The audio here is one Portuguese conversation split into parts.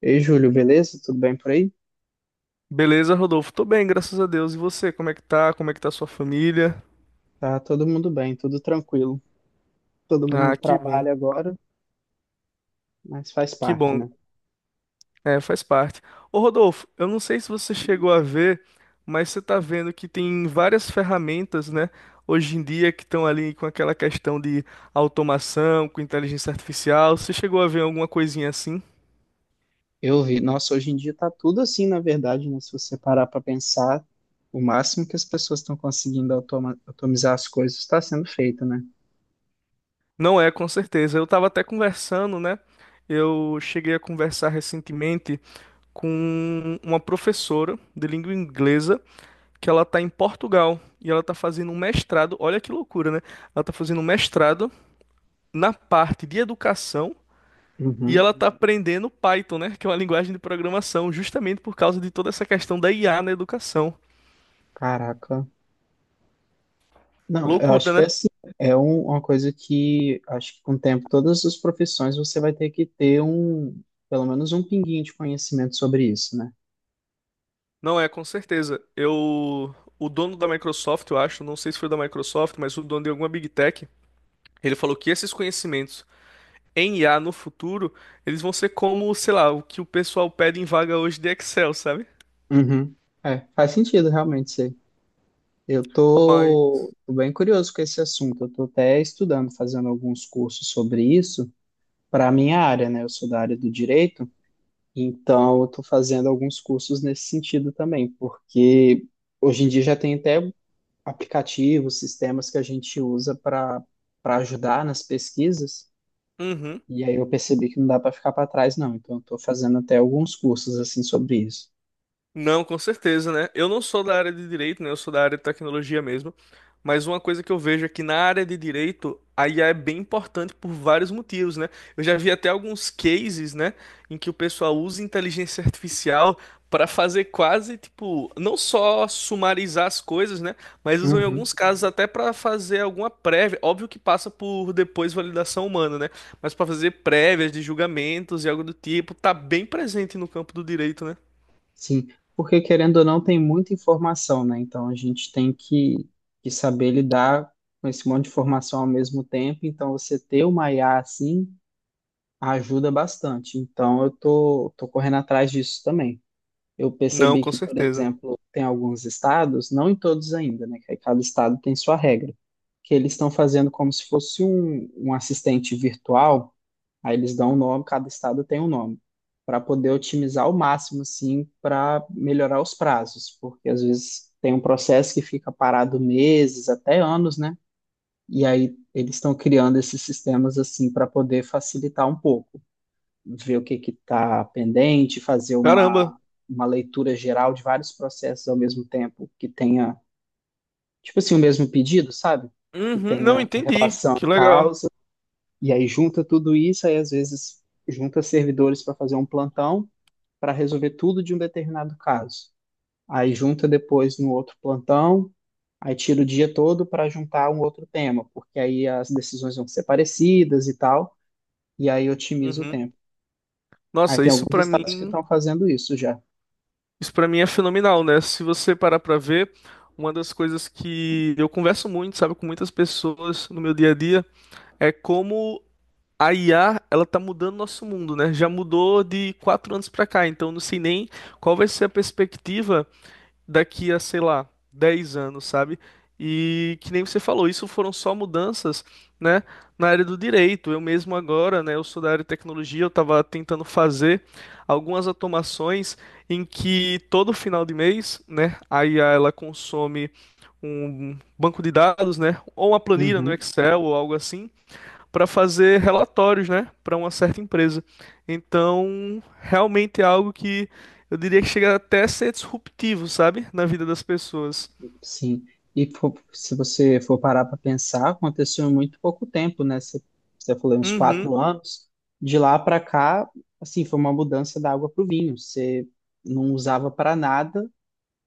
Ei, Júlio, beleza? Tudo bem por aí? Beleza, Rodolfo? Tô bem, graças a Deus. E você, como é que tá? Como é que tá sua família? Tá todo mundo bem, tudo tranquilo. Todo mundo Ah, que bom, trabalha agora, mas faz que parte, bom. né? É, faz parte. Ô, Rodolfo, eu não sei se você chegou a ver, mas você tá vendo que tem várias ferramentas, né, hoje em dia que estão ali com aquela questão de automação, com inteligência artificial. Você chegou a ver alguma coisinha assim? Eu vi, nossa, hoje em dia tá tudo assim, na verdade, né? Se você parar para pensar, o máximo que as pessoas estão conseguindo automizar as coisas está sendo feito, né? Não é, com certeza. Eu tava até conversando, né? Eu cheguei a conversar recentemente com uma professora de língua inglesa que ela tá em Portugal e ela tá fazendo um mestrado. Olha que loucura, né? Ela tá fazendo um mestrado na parte de educação e Uhum. ela tá aprendendo Python, né? Que é uma linguagem de programação, justamente por causa de toda essa questão da IA na educação. Caraca. Não, eu acho Loucura, que é né? assim. É uma coisa que acho que com o tempo, todas as profissões você vai ter que ter um, pelo menos um pinguinho de conhecimento sobre isso, né? Não é, com certeza. Eu, o dono da Microsoft, eu acho, não sei se foi da Microsoft, mas o dono de alguma Big Tech, ele falou que esses conhecimentos em IA no futuro, eles vão ser como, sei lá, o que o pessoal pede em vaga hoje de Excel, sabe? Uhum. É, faz sentido realmente. Eu Mas, tô, tô bem curioso com esse assunto. Eu tô até estudando, fazendo alguns cursos sobre isso para a minha área, né? Eu sou da área do direito, então eu tô fazendo alguns cursos nesse sentido também, porque hoje em dia já tem até aplicativos, sistemas que a gente usa para ajudar nas pesquisas. uhum. E aí eu percebi que não dá para ficar para trás, não. Então eu tô fazendo até alguns cursos assim sobre isso. Não, com certeza, né? Eu não sou da área de direito, né? Eu sou da área de tecnologia mesmo. Mas uma coisa que eu vejo é que na área de direito, a IA é bem importante por vários motivos, né? Eu já vi até alguns cases, né, em que o pessoal usa inteligência artificial para fazer quase, tipo, não só sumarizar as coisas, né? Mas usam em alguns Uhum. casos até para fazer alguma prévia. Óbvio que passa por depois validação humana, né? Mas para fazer prévias de julgamentos e algo do tipo, tá bem presente no campo do direito, né? Sim, porque querendo ou não, tem muita informação, né? Então a gente tem que saber lidar com esse monte de informação ao mesmo tempo. Então você ter uma IA assim ajuda bastante. Então eu tô correndo atrás disso também. Eu Não, percebi com que, por certeza. exemplo, tem alguns estados, não em todos ainda, né? Que aí cada estado tem sua regra, que eles estão fazendo como se fosse um assistente virtual. Aí eles dão um nome, cada estado tem um nome, para poder otimizar ao máximo, assim, para melhorar os prazos, porque às vezes tem um processo que fica parado meses, até anos, né? E aí eles estão criando esses sistemas assim para poder facilitar um pouco, ver o que que está pendente, fazer Caramba. uma leitura geral de vários processos ao mesmo tempo que tenha, tipo assim, o mesmo pedido, sabe? Que Uhum, não tenha entendi. Que legal. causa, e aí junta tudo isso, aí às vezes junta servidores para fazer um plantão para resolver tudo de um determinado caso. Aí junta depois no outro plantão, aí tira o dia todo para juntar um outro tema, porque aí as decisões vão ser parecidas e tal, e aí otimiza o Uhum. tempo. Aí Nossa, tem alguns estados que estão fazendo isso já. isso para mim é fenomenal, né? Se você parar pra ver, uma das coisas que eu converso muito, sabe, com muitas pessoas no meu dia a dia, é como a IA, ela tá mudando nosso mundo, né? Já mudou de 4 anos pra cá, então eu não sei nem qual vai ser a perspectiva daqui a, sei lá, 10 anos, sabe? E que nem você falou, isso foram só mudanças, né, na área do direito. Eu mesmo agora, né, eu sou da área de tecnologia, eu estava tentando fazer algumas automações em que todo final de mês, né, a IA ela consome um banco de dados, né, ou uma planilha no Uhum, Excel ou algo assim, para fazer relatórios, né, para uma certa empresa. Então, realmente é algo que eu diria que chega até a ser disruptivo, sabe, na vida das pessoas. sim. E se você for parar para pensar, aconteceu em muito pouco tempo, né? Você falou uns Uhum, quatro anos. De lá para cá, assim, foi uma mudança da água para o vinho. Você não usava para nada.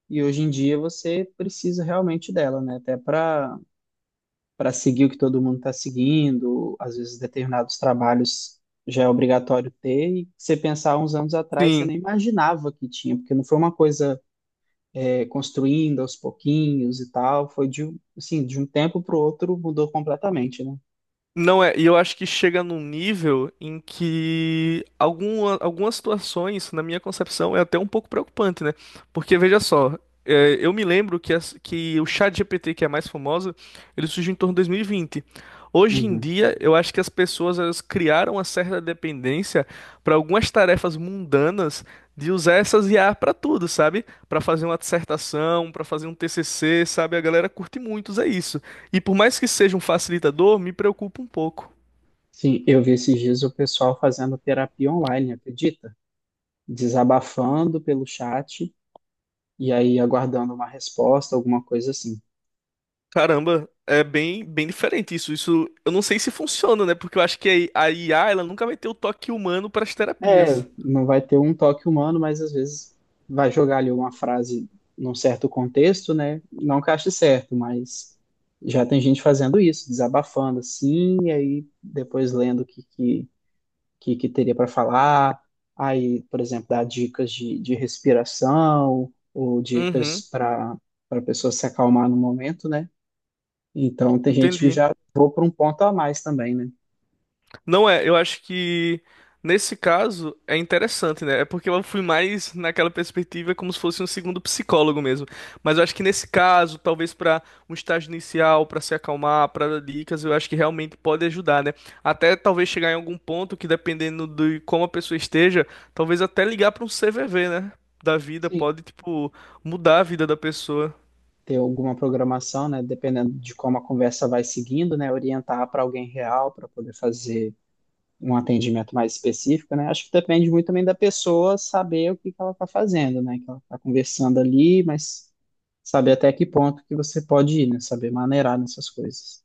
E hoje em dia você precisa realmente dela, né? Até para seguir o que todo mundo está seguindo, às vezes determinados trabalhos já é obrigatório ter, e você pensar uns anos atrás, você sim. nem imaginava que tinha, porque não foi uma coisa é, construindo aos pouquinhos e tal, foi assim, de um tempo para o outro mudou completamente, né? Não é, e eu acho que chega num nível em que algumas situações, na minha concepção, é até um pouco preocupante, né? Porque veja só, eu me lembro que o ChatGPT, que é a mais famosa, ele surgiu em torno de 2020. Hoje em Uhum. dia, eu acho que as pessoas elas criaram uma certa dependência para algumas tarefas mundanas de usar essas IA para tudo, sabe? Para fazer uma dissertação, para fazer um TCC, sabe? A galera curte muito, é isso. E por mais que seja um facilitador, me preocupa um pouco. Sim, eu vi esses dias o pessoal fazendo terapia online, acredita? Desabafando pelo chat e aí aguardando uma resposta, alguma coisa assim. Caramba, é bem, bem diferente isso. Isso eu não sei se funciona, né? Porque eu acho que a I a IA ela nunca vai ter o toque humano para as É, terapias. não vai ter um toque humano, mas às vezes vai jogar ali uma frase num certo contexto, né? Não que ache certo, mas já tem gente fazendo isso, desabafando assim, e aí depois lendo o que teria para falar, aí, por exemplo, dá dicas de respiração ou dicas Uhum, para a pessoa se acalmar no momento, né? Então tem gente que entendi. já vou para um ponto a mais também, né? Não é, eu acho que nesse caso é interessante, né? É porque eu fui mais naquela perspectiva como se fosse um segundo psicólogo mesmo. Mas eu acho que nesse caso, talvez para um estágio inicial, para se acalmar, para dar dicas, eu acho que realmente pode ajudar, né? Até talvez chegar em algum ponto que dependendo de como a pessoa esteja, talvez até ligar para um CVV, né? Da vida Sim. pode, tipo, mudar a vida da pessoa. Ter alguma programação, né, dependendo de como a conversa vai seguindo, né, orientar para alguém real para poder fazer um atendimento mais específico, né? Acho que depende muito também da pessoa saber o que que ela está fazendo, né? Que ela está conversando ali, mas saber até que ponto que você pode ir, né? Saber maneirar nessas coisas.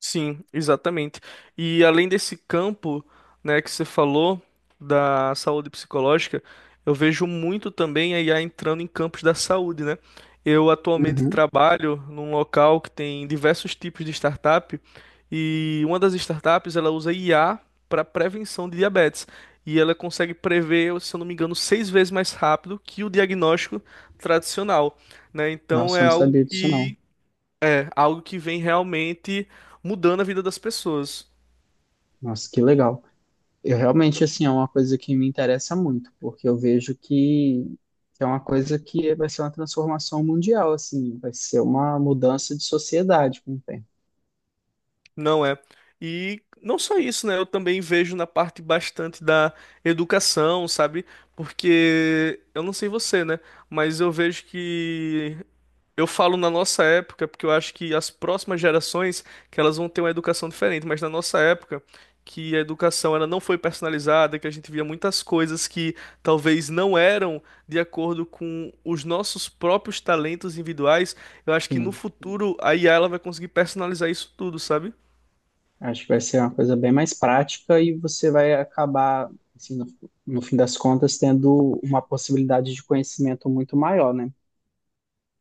Sim, exatamente. E além desse campo, né, que você falou da saúde psicológica, eu vejo muito também a IA entrando em campos da saúde, né? Eu atualmente Uhum. trabalho num local que tem diversos tipos de startup e uma das startups ela usa IA para prevenção de diabetes e ela consegue prever, se eu não me engano, 6 vezes mais rápido que o diagnóstico tradicional, né? Então Nossa, eu é não algo sabia disso não. que algo que vem realmente mudando a vida das pessoas. Nossa, que legal. Eu realmente, assim, é uma coisa que me interessa muito, porque eu vejo que é uma coisa que vai ser uma transformação mundial, assim, vai ser uma mudança de sociedade com o tempo. Não é. E não só isso, né? Eu também vejo na parte bastante da educação, sabe? Porque eu não sei você, né? Mas eu vejo que eu falo na nossa época, porque eu acho que as próximas gerações que elas vão ter uma educação diferente, mas na nossa época que a educação ela não foi personalizada, que a gente via muitas coisas que talvez não eram de acordo com os nossos próprios talentos individuais, eu acho que no Sim, futuro a IA ela vai conseguir personalizar isso tudo, sabe? acho que vai ser uma coisa bem mais prática e você vai acabar, assim, no fim das contas, tendo uma possibilidade de conhecimento muito maior, né?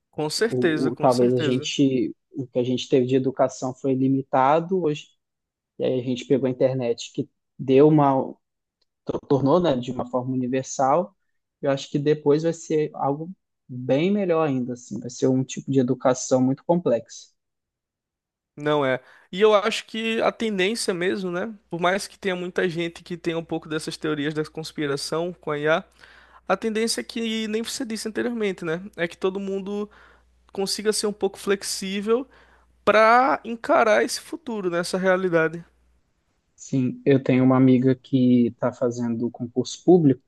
Com certeza, com Talvez a certeza. gente, o que a gente teve de educação foi limitado hoje, e aí a gente pegou a internet que deu uma, tornou, né, de uma forma universal, eu acho que depois vai ser algo bem melhor ainda, assim, vai ser um tipo de educação muito complexa. Não é. E eu acho que a tendência mesmo, né? Por mais que tenha muita gente que tenha um pouco dessas teorias da conspiração com a IA, a tendência é que, nem você disse anteriormente, né? É que todo mundo consiga ser um pouco flexível para encarar esse futuro, né? Essa realidade. Sim, eu tenho uma amiga que está fazendo concurso público.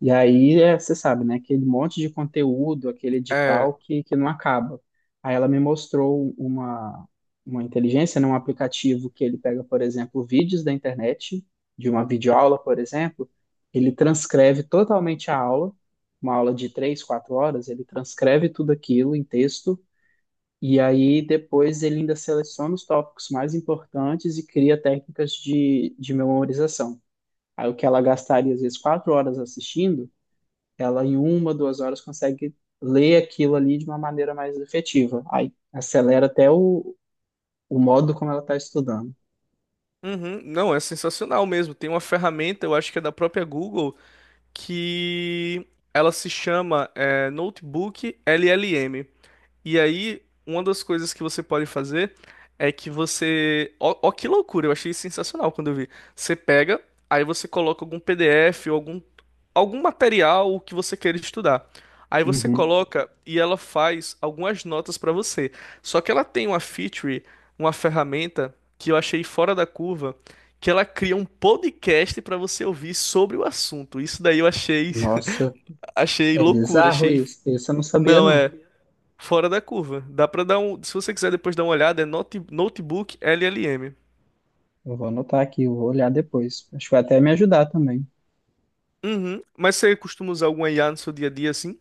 E aí, é, você sabe, né? Aquele monte de conteúdo, aquele É. edital que não acaba. Aí ela me mostrou uma inteligência, né, um aplicativo que ele pega, por exemplo, vídeos da internet, de uma videoaula, por exemplo, ele transcreve totalmente a aula, uma aula de três, quatro horas, ele transcreve tudo aquilo em texto, e aí depois ele ainda seleciona os tópicos mais importantes e cria técnicas de memorização. Aí o que ela gastaria, às vezes, quatro horas assistindo, ela, em uma, duas horas, consegue ler aquilo ali de uma maneira mais efetiva. Aí acelera até o modo como ela está estudando. Uhum. Não, é sensacional mesmo. Tem uma ferramenta, eu acho que é da própria Google, que ela se chama Notebook LLM. E aí, uma das coisas que você pode fazer é que você. Ó, que loucura, eu achei sensacional quando eu vi. Você pega, aí você coloca algum PDF ou algum material que você queira estudar. Aí você Uhum. coloca e ela faz algumas notas para você. Só que ela tem uma feature, uma ferramenta que eu achei fora da curva, que ela cria um podcast para você ouvir sobre o assunto. Isso daí eu achei, Nossa, achei é loucura, bizarro achei. isso. Isso eu não sabia, Não não. é. Fora da curva. Dá pra dar um. Se você quiser depois dar uma olhada, é Notebook LLM. Eu vou anotar aqui, eu vou olhar depois. Acho que vai até me ajudar também. Uhum. Mas você costuma usar alguma IA no seu dia a dia assim?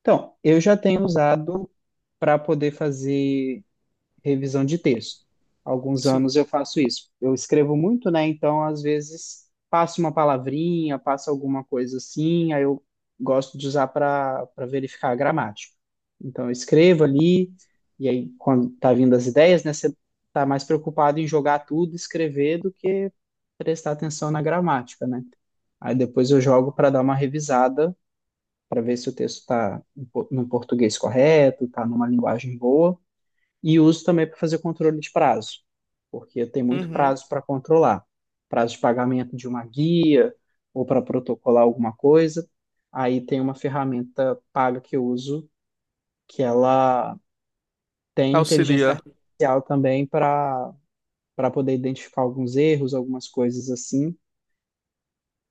Então, eu já tenho usado para poder fazer revisão de texto. Alguns Sim. anos eu faço isso. Eu escrevo muito, né? Então, às vezes, passo uma palavrinha, passo alguma coisa assim, aí eu gosto de usar para verificar a gramática. Então, eu escrevo ali, e aí, quando tá vindo as ideias, né? Você tá mais preocupado em jogar tudo, escrever, do que prestar atenção na gramática, né? Aí depois eu jogo para dar uma revisada, para ver se o texto está no português correto, está numa linguagem boa. E uso também para fazer controle de prazo, porque tem muito Uhum. prazo para controlar. Prazo de pagamento de uma guia ou para protocolar alguma coisa. Aí tem uma ferramenta paga que eu uso, que ela tem inteligência Auxilia. artificial também para poder identificar alguns erros, algumas coisas assim.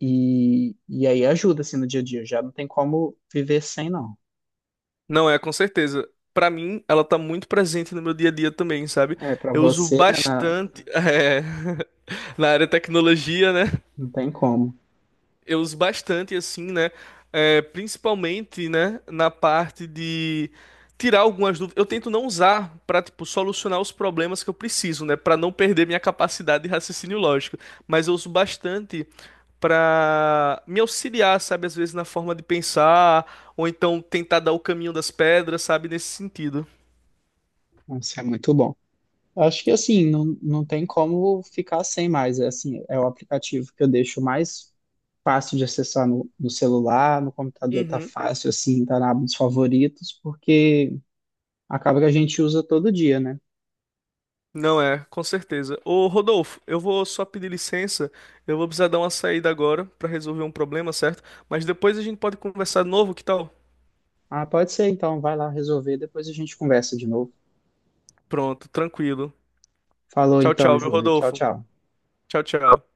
E aí ajuda assim no dia a dia. Já não tem como viver sem, não. Não é, com certeza. Pra mim, ela tá muito presente no meu dia a dia também, sabe? É, para Eu uso você, né, na- bastante. Na área de tecnologia, né? não tem como. Eu uso bastante, assim, né? É, principalmente, né, na parte de tirar algumas dúvidas. Eu tento não usar para, tipo, solucionar os problemas que eu preciso, né? Para não perder minha capacidade de raciocínio lógico. Mas eu uso bastante para me auxiliar, sabe? Às vezes na forma de pensar, ou então tentar dar o caminho das pedras, sabe? Nesse sentido. Isso é muito bom. Acho que assim, não tem como ficar sem mais. É assim, é o aplicativo que eu deixo mais fácil de acessar no celular, no computador tá Uhum. fácil assim, tá na aba dos favoritos, porque acaba que a gente usa todo dia, né? Não é, com certeza. Ô Rodolfo, eu vou só pedir licença. Eu vou precisar dar uma saída agora pra resolver um problema, certo? Mas depois a gente pode conversar de novo, que tal? Ah, pode ser então, vai lá resolver, depois a gente conversa de novo. Pronto, tranquilo. Falou Tchau, então, tchau, meu Júlia. Tchau, Rodolfo. tchau. Tchau, tchau.